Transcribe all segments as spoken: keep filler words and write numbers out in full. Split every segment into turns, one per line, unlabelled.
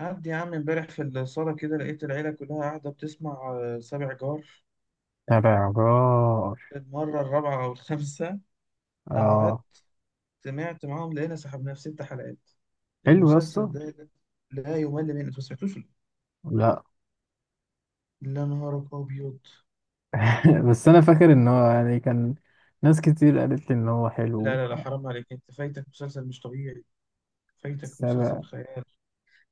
قعد يا عم امبارح في الصالة كده، لقيت العيلة كلها قاعدة بتسمع آه، سابع جار.
تبع جار.
المرة الرابعة أو الخامسة قعدت
اه،
سمعت معاهم، لقينا سحبنا في ست حلقات.
حلو يا اسطى.
المسلسل ده لا لا يمل منه. أنت ما سمعتوش ولا إيه؟
لا.
لا، نهارك أبيض.
بس انا فاكر ان هو يعني كان ناس كتير قالت لي ان هو
لا
حلو.
لا لا، حرام عليك، أنت فايتك مسلسل مش طبيعي، فايتك
سبع.
مسلسل خيال.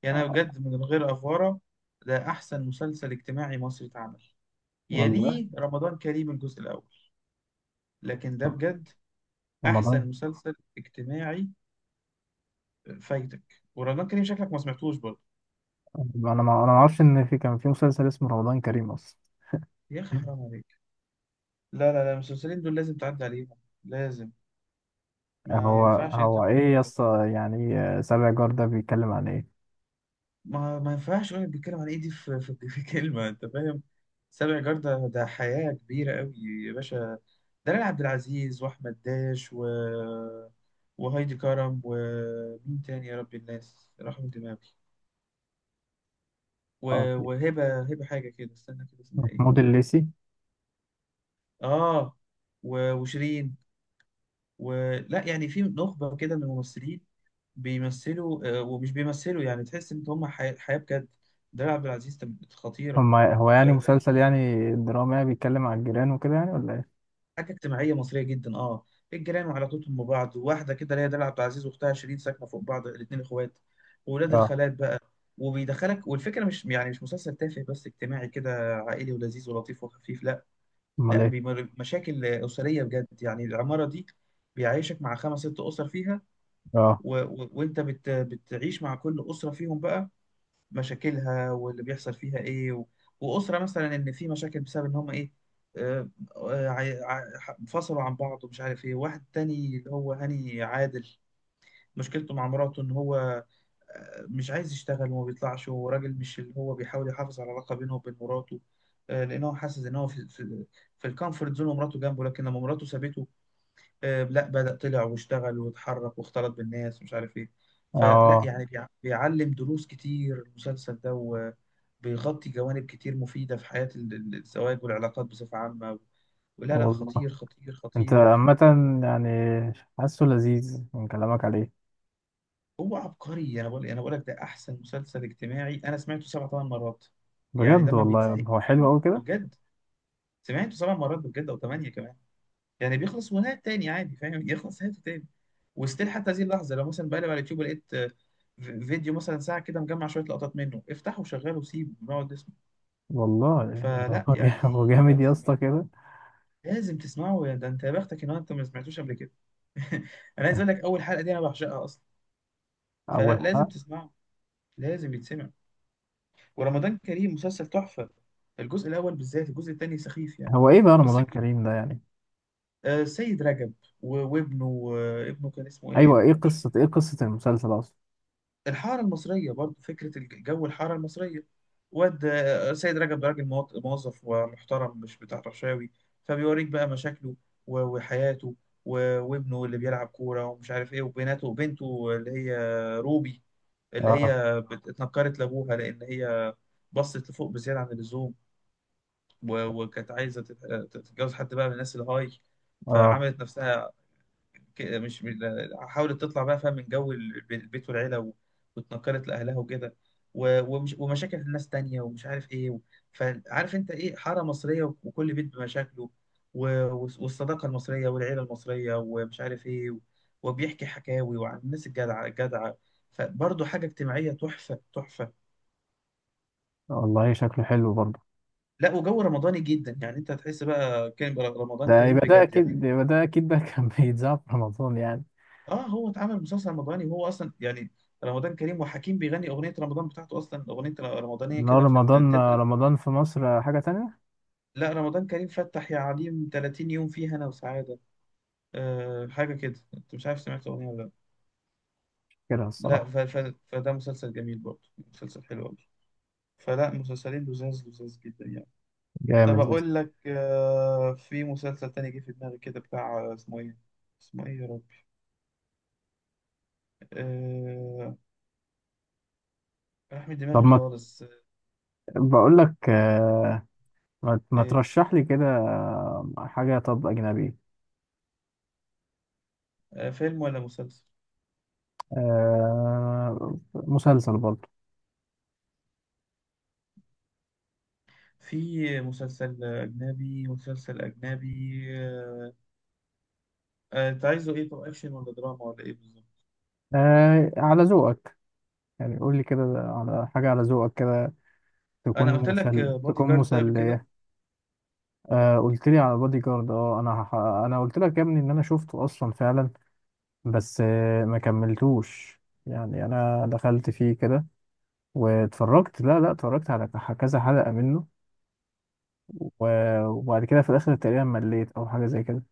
يعني أنا بجد من غير أفورة، ده أحسن مسلسل اجتماعي مصري اتعمل،
والله.
يليه رمضان كريم الجزء الأول. لكن ده بجد
رمضان.
أحسن مسلسل اجتماعي. فايتك، ورمضان كريم شكلك ما سمعتوش برضه.
انا ما انا ما اعرفش ان في كان في مسلسل اسمه رمضان كريم اصلا.
يا اخي حرام عليك، لا لا لا، المسلسلين دول لازم تعدي عليهم، لازم. ما
هو
ينفعش انت
هو ايه يا
تعمله ده.
اسطى؟ يعني آه، سابع جار ده بيتكلم عن ايه؟
ما ما ينفعش يقول بيتكلم عن ايه. دي في, في, في كلمه، انت فاهم. سابع جردة ده حياه كبيره قوي يا باشا. دلال عبد العزيز واحمد داش، و وهايدي كرم، ومين تاني يا رب الناس، رحمة دماغي، و...
اه. في-
وهبة هبة حاجة كده، استنى كده اسمها ايه.
محمود الليثي.
اه. و... وشيرين. ولا يعني في نخبة كده من الممثلين بيمثلوا، آه، ومش بيمثلوا، يعني تحس إن هم حي- حياة بجد. دلال عبد العزيز كانت خطيرة.
هما هو يعني
آه،
مسلسل، يعني درامي يعني بيتكلم عن الجيران وكده، يعني ولا ايه؟
حاجة اجتماعية مصرية جدا اه الجيران وعلاقتهم ببعض، واحدة كده اللي هي دلال عبد العزيز وأختها شيرين ساكنة فوق بعض، الاتنين إخوات وولاد
اه.
الخالات بقى. وبيدخلك، والفكرة مش يعني مش مسلسل تافه، بس اجتماعي كده عائلي ولذيذ ولطيف وخفيف. لا،
امال
لا
ايه.
بيمر- مشاكل أسرية بجد. يعني العمارة دي بيعيشك مع خمس ست أسر فيها.
اه.
و... و... وانت بت... بتعيش مع كل اسره فيهم بقى مشاكلها، واللي بيحصل فيها ايه، و... واسره مثلا ان في مشاكل بسبب ان هم ايه. آه، آه، ع- ع- انفصلوا عن بعض، ومش عارف ايه. واحد تاني اللي هو هاني عادل، مشكلته مع مراته ان هو آه، مش عايز يشتغل وما بيطلعش، وراجل مش اللي هو بيحاول يحافظ على العلاقه بينه وبين مراته. آه، لان هو حاسس ان هو في في, في الكومفورت زون ومراته جنبه. لكن لما مراته سابته، آه، لا بدأ طلع واشتغل واتحرك واختلط بالناس، ومش عارف ايه. فلا
اه.
يعني بيع- بيعلم دروس كتير المسلسل ده، وبيغطي جوانب كتير مفيدة في حياة ال- ال- الزواج والعلاقات بصفة عامة. ولا لا،
والله.
خطير خطير
انت
خطير.
عامة، يعني حاسه لذيذ من كلامك عليه.
هو عبقري. انا بقول انا بقول لك ده احسن مسلسل اجتماعي، انا سمعته سبع ثمان مرات. يعني
بجد
ده ما
والله،
بيتزهقش
هو حلو
منه
قوي كده.
بجد، سمعته سبع مرات بجد او ثمانية كمان. يعني بيخلص ونهاية، تاني عادي فاهم، يخلص نهايته تاني. وستيل حتى هذه اللحظة لو مثلا بقلب على اليوتيوب لقيت آه، في- فيديو مثلا ساعة كده مجمع شوية لقطات منه، افتحه وشغله وسيبه ونقعد نسمع.
والله يعني
فلا
هو جا- هو
يعني ما
جامد يا
تسمع.
اسطى كده.
لازم تسمعه يا ده، انت يا بختك ان هو انت ما سمعتوش قبل كده. انا عايز اقول لك، اول حلقة دي انا بعشقها اصلا.
اول
فلا لازم
حلقة.
تسمعه، لازم يتسمع. ورمضان كريم مسلسل تحفة، الجزء الاول بالذات، الجزء الثاني سخيف يعني.
هو ايه بقى
بس
رمضان
الجزء-
كريم ده يعني؟
آه، سيد رجب و- وابنه. آه، ابنه كان اسمه ايه؟
ايوه،
ابنه
ايه
ده مش
قصة ايه قصة المسلسل اصلا؟
الحارة المصرية برضو، فكرة الج- جو الحارة المصرية. واد سيد رجب ده راجل مواط- موظف ومحترم، مش بتاع رشاوي، فبيوريك بقى مشاكله و- وحياته و- وابنه اللي بيلعب كورة ومش عارف ايه، وبناته، وبنته اللي هي روبي اللي
اه.
هي بت- اتنكرت لأبوها، لأن هي بصت لفوق بزيادة عن اللزوم، و- وكانت عايزة تت- تتجوز حد بقى من الناس الهاي.
اه.
فعملت نفسها كده، مش من- حاولت تطلع بقى فاهم من جو الب- البيت والعيلة، و- واتنقلت لأهلها وكده، و- ومش ومشاكل الناس تانية، ومش عارف إيه و- فعارف أنت إيه حارة مصرية، و- وكل بيت بمشاكله، و- والص- والصداقة المصرية والعيلة المصرية، ومش عارف إيه و- وبيحكي حكاوي وعن الناس الجدعة الجدعة. فبرضه حاجة اجتماعية تحفة تحفة.
والله شكله حلو برضه.
لا، وجو رمضاني جدا يعني، أنت هتحس بقى كان رمضان
ده
كريم
يبقى ده
بجد يعني.
اكيد يبقى ده اكيد ده كان بيتذاع في رمضان يعني.
اه، هو اتعمل مسلسل رمضاني، وهو اصلا يعني رمضان كريم، وحكيم بيغني اغنيه رمضان بتاعته، اصلا اغنيه رمضانيه
لا،
كده في
رمضان
التتر.
رمضان في مصر حاجة تانية.
لا، رمضان كريم فتح يا عليم، ثلاثين يوم فيها انا وسعاده. آه، حاجه كده، انت مش عارف سمعت الاغنيه ولا لا.
كده
لا،
الصراحة.
ف... ف... فده مسلسل جميل برضه، مسلسل حلو قوي. فلا مسلسلين لذاذ لذاذ جدا يعني. طب
جامد يا اسطى.
اقول لك، آه في مسلسل تاني جه في دماغي كده بتاع، آه، اسمه ايه؟ اسمه ايه يا ربي؟ آه راح من
طب،
دماغي
ما
خالص. آه،
بقول لك آه، ما ما
ايه؟
ترشح لي كده حاجة. طب أجنبي.
آه فيلم ولا مسلسل؟
آه، مسلسل برضه.
في مسلسل أجنبي، مسلسل أجنبي. آه، آه، أنت عايزه إيه؟ طب أكشن ولا دراما ولا إيه بالظبط؟
آه، على ذوقك، يعني قول لي كده على حاجة على ذوقك كده، تكون
أنا قلت لك
مسل
بودي
تكون
جارد ده قبل كده؟
مسلية. آه، قلت لي على بادي جارد. اه، انا هح... انا قلت لك يا ابني ان انا شفته اصلا فعلا. بس آه ما كملتوش، يعني انا دخلت فيه كده واتفرجت، لا، لا، اتفرجت على ك- كذا حلقة منه و... وبعد كده في الاخر تقريبا مليت او حاجة زي كده.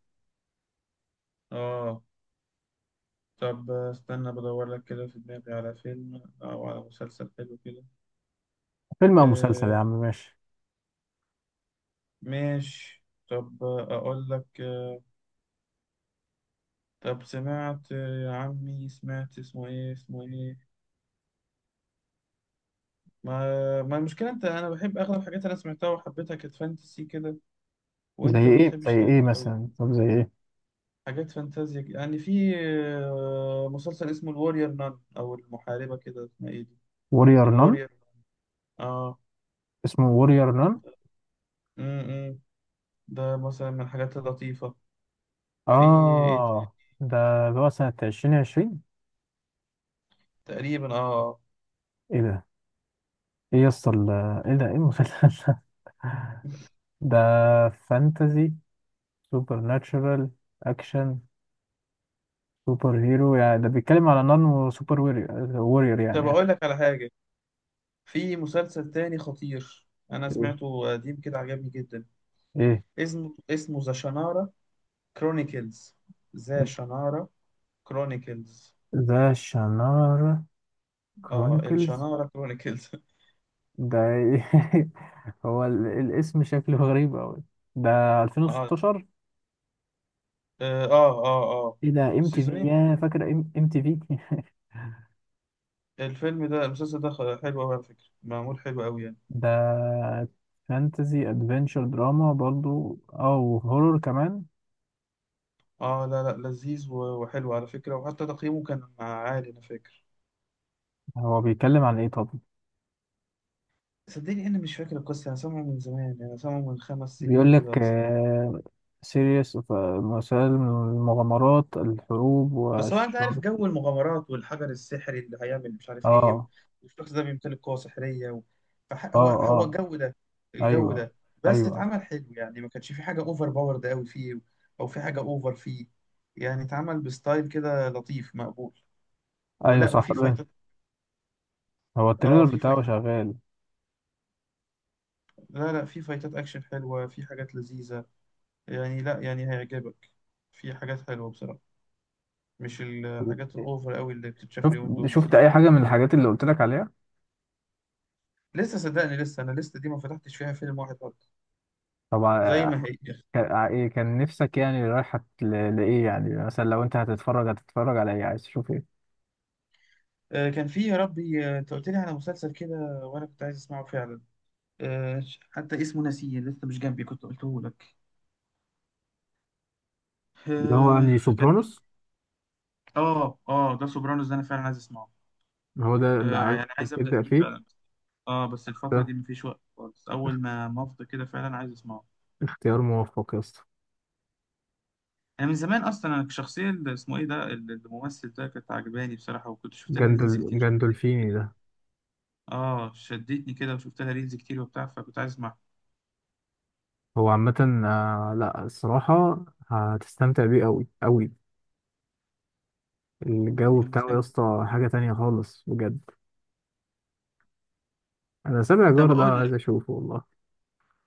آه طب، آه، استنى بدور لك كده في دماغي على فيلم أو على مسلسل حلو كده.
فيلم او مسلسل يا
آه
عم، ماشي.
ماشي. طب، آه، أقول لك، آه، طب سمعت، آه، يا عمي، سمعت اسمه إيه؟ اسمه إيه؟ ما ما المشكلة، أنت أنا بحب أغلب الحاجات اللي أنا سمعتها وحبيتها، كانت فانتسي كده،
زي
وأنت ما
ايه زي
بتحبش الحاجات
ايه
دي أوي.
مثلا، طب زي ايه؟
حاجات فانتازيا كده. يعني في آه، مسلسل اسمه الوارير نان او المحاربه، كده اسمها ايه دي؟
وورير نون.
الوارير اه
اسمه وورير نون.
امم إمم. ده مثلا من الحاجات اللطيفه. في إيه؟
اه، ده ده هو سنة ألفين وعشرين.
تقريبا اه آه.
ايه ده؟ ايه يسطا ال- ايه ده؟ ايه المسلسل ده؟ ده فانتازي، سوبر ناتشورال، اكشن، سوبر هيرو، يعني ده بيتكلم على نون وسوبر وورير، وورير
طب
يعني.
اقول لك على حاجه، في مسلسل تاني خطير انا
مم.
سمعته قديم كده عجبني جدا.
ايه.
اسمه اسمه ذا شنارة كرونيكلز، ذا شنارة كرونيكلز.
ذا شانار
اه،
كرونيكلز.
الشنارة كرونيكلز.
ده إيه؟ هو ال- الاسم شكله غريب أوي. ده
اه
ألفين وستاشر.
اه اه اه آه,
ايه ده، ام تي في يا فاكر. ام تي في.
الفيلم ده، المسلسل ده خ- حلو أوي على فكرة، معمول حلو أوي يعني.
ده فانتزي ادفنتشر دراما برضو او هورور كمان.
اه لا لا، لذيذ و- وحلو على فكرة، وحتى تقييمه كان عالي أنا فاكر.
هو بيتكلم عن ايه طب؟
صدقني أنا مش فاكر القصة، أنا سامعه من زمان، أنا سامعه من خمس سنين
بيقول
كده
لك
ولا ست.
سيريس، مسائل المغامرات الحروب
بس هو أنت عارف
والشر.
جو المغامرات والحجر السحري اللي هيعمل مش عارف إيه، و-
اه.
والشخص ده بيمتلك قوة سحرية، و... فح-
اه.
هو هو
اه.
الجو ده، الجو
ايوه.
ده. بس
ايوه.
اتعمل حلو يعني، ما كانش في حاجة أوفر باورد أوي فيه، أو في حاجة أوفر فيه. يعني اتعمل بستايل كده لطيف مقبول،
ايوه،
ولا
صح.
وفي فايتات.
هو التريلر
اه في
بتاعه
فايتات.
شغال.
لا لا، في فايتات اكشن حلوة، في حاجات لذيذة، يعني لا يعني هيعجبك، في حاجات حلوة بصراحة. مش الحاجات الاوفر قوي اللي بتتشاف
شفت
اليومين دول
شفت
دي.
اي حاجه من الحاجات اللي قلت لك عليها؟
لسه. صدقني لسه، انا لسه دي ما فتحتش فيها فيلم واحد برضه، زي
طبعا.
ما هي.
كان ع- ايه، كان نفسك يعني رايحه ل- لايه؟ يعني مثلا لو انت هتتفرج هتتفرج على ايه؟ عايز تشوف ايه؟
آه كان في يا ربي، آه، انت قلت لي على مسلسل كده، وانا كنت عايز اسمعه فعلا. آه حتى اسمه ناسيه، لسه مش جنبي كنت قلته لك.
اللي هو
آه
يعني
كان
سوبرانوس.
اه اه ده سوبرانوس، ده انا فعلا عايز اسمعه.
هو ده اللي
آه
عايز
يعني عايز ابدا
تبدأ
فيه
فيه.
فعلا. اه بس الفترة
ده
دي مفيش وقت خالص، أول ما ما أفضى كده فعلا عايز أسمعه.
اختيار موفق يا اسطى.
أنا من زمان أصلا، أنا الشخصية اللي اسمه إيه ده ال- الممثل ده كانت عجباني بصراحة، وكنت شفت لها ريلز
جندل
كتير
جندولفيني
كده،
ده.
اه شدتني كده، وشفت لها ريلز كتير وبتاع، فكنت عايز أسمعها.
هو عامة آه، لا، الصراحة هتستمتع بيه أوي أوي. الجو
يا
بتاعه يا
موسى،
اسطى حاجة تانية خالص بجد. أنا سابع
طب
جار ده
أقول
عايز
لك،
أشوفه والله.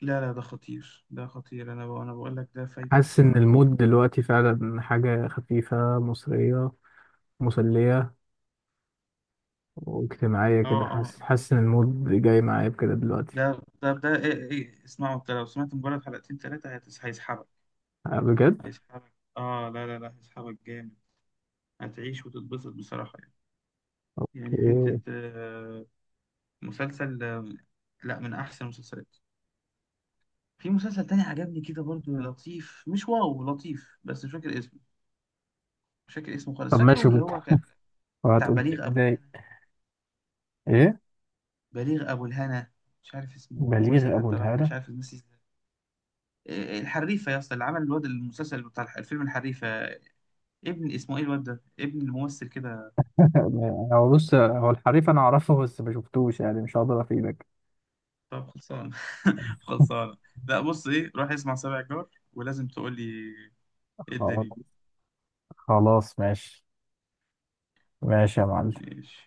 لا لا ده خطير، ده خطير، أنا بقول أنا بقول لك ده فايتك
حاسس إن
بصراحة.
المود دلوقتي فعلا حاجة خفيفة، مصرية، مسلية، واجتماعية
اه
كده.
اه
حاسس
آه.
حاسس إن المود جاي معايا بكده دلوقتي.
ده ده ده إيه إيه اسمعه، أنت لو سمعت مجرد حلقتين تلاتة هتس- هيسحبك،
آه، بجد.
هيسحبك. اه لا لا لا، هيسحبك جامد، هتعيش وتتبسط بصراحة يعني. يعني حتة،
أوكي.
آه، مسلسل، آم، لا من احسن المسلسلات. في مسلسل تاني عجبني كده برضو، لطيف مش واو لطيف، بس مش فاكر اسمه، مش فاكر اسمه خالص.
طب، ماشي.
فاكره اللي
وبت-
هو كان بتاع
وهتقول لي
بليغ ابو
إزاي؟
الهنا،
إيه،
بليغ ابو الهنا. مش عارف اسمه الممثل،
بليغ أبو
حتى راح، مش
الهالة.
عارف ناسي اسمه. إيه، إيه، الحريفه يا اسطى، اللي عمل الواد المسلسل بتاع الح- الفيلم الحريفه، ابن اسمه ايه الواد ده، ابن الممثل كده.
هو بص، هو الحريف انا اعرفه بس ما شفتوش، يعني مش هقدر افيدك.
طب خلصان. خلصان. لا بص ايه، روح اسمع سبع جار ولازم تقول لي ايه
خلاص.
الدنيا.
خلاص، ماشي. ماشي يا معلم.
ماشي.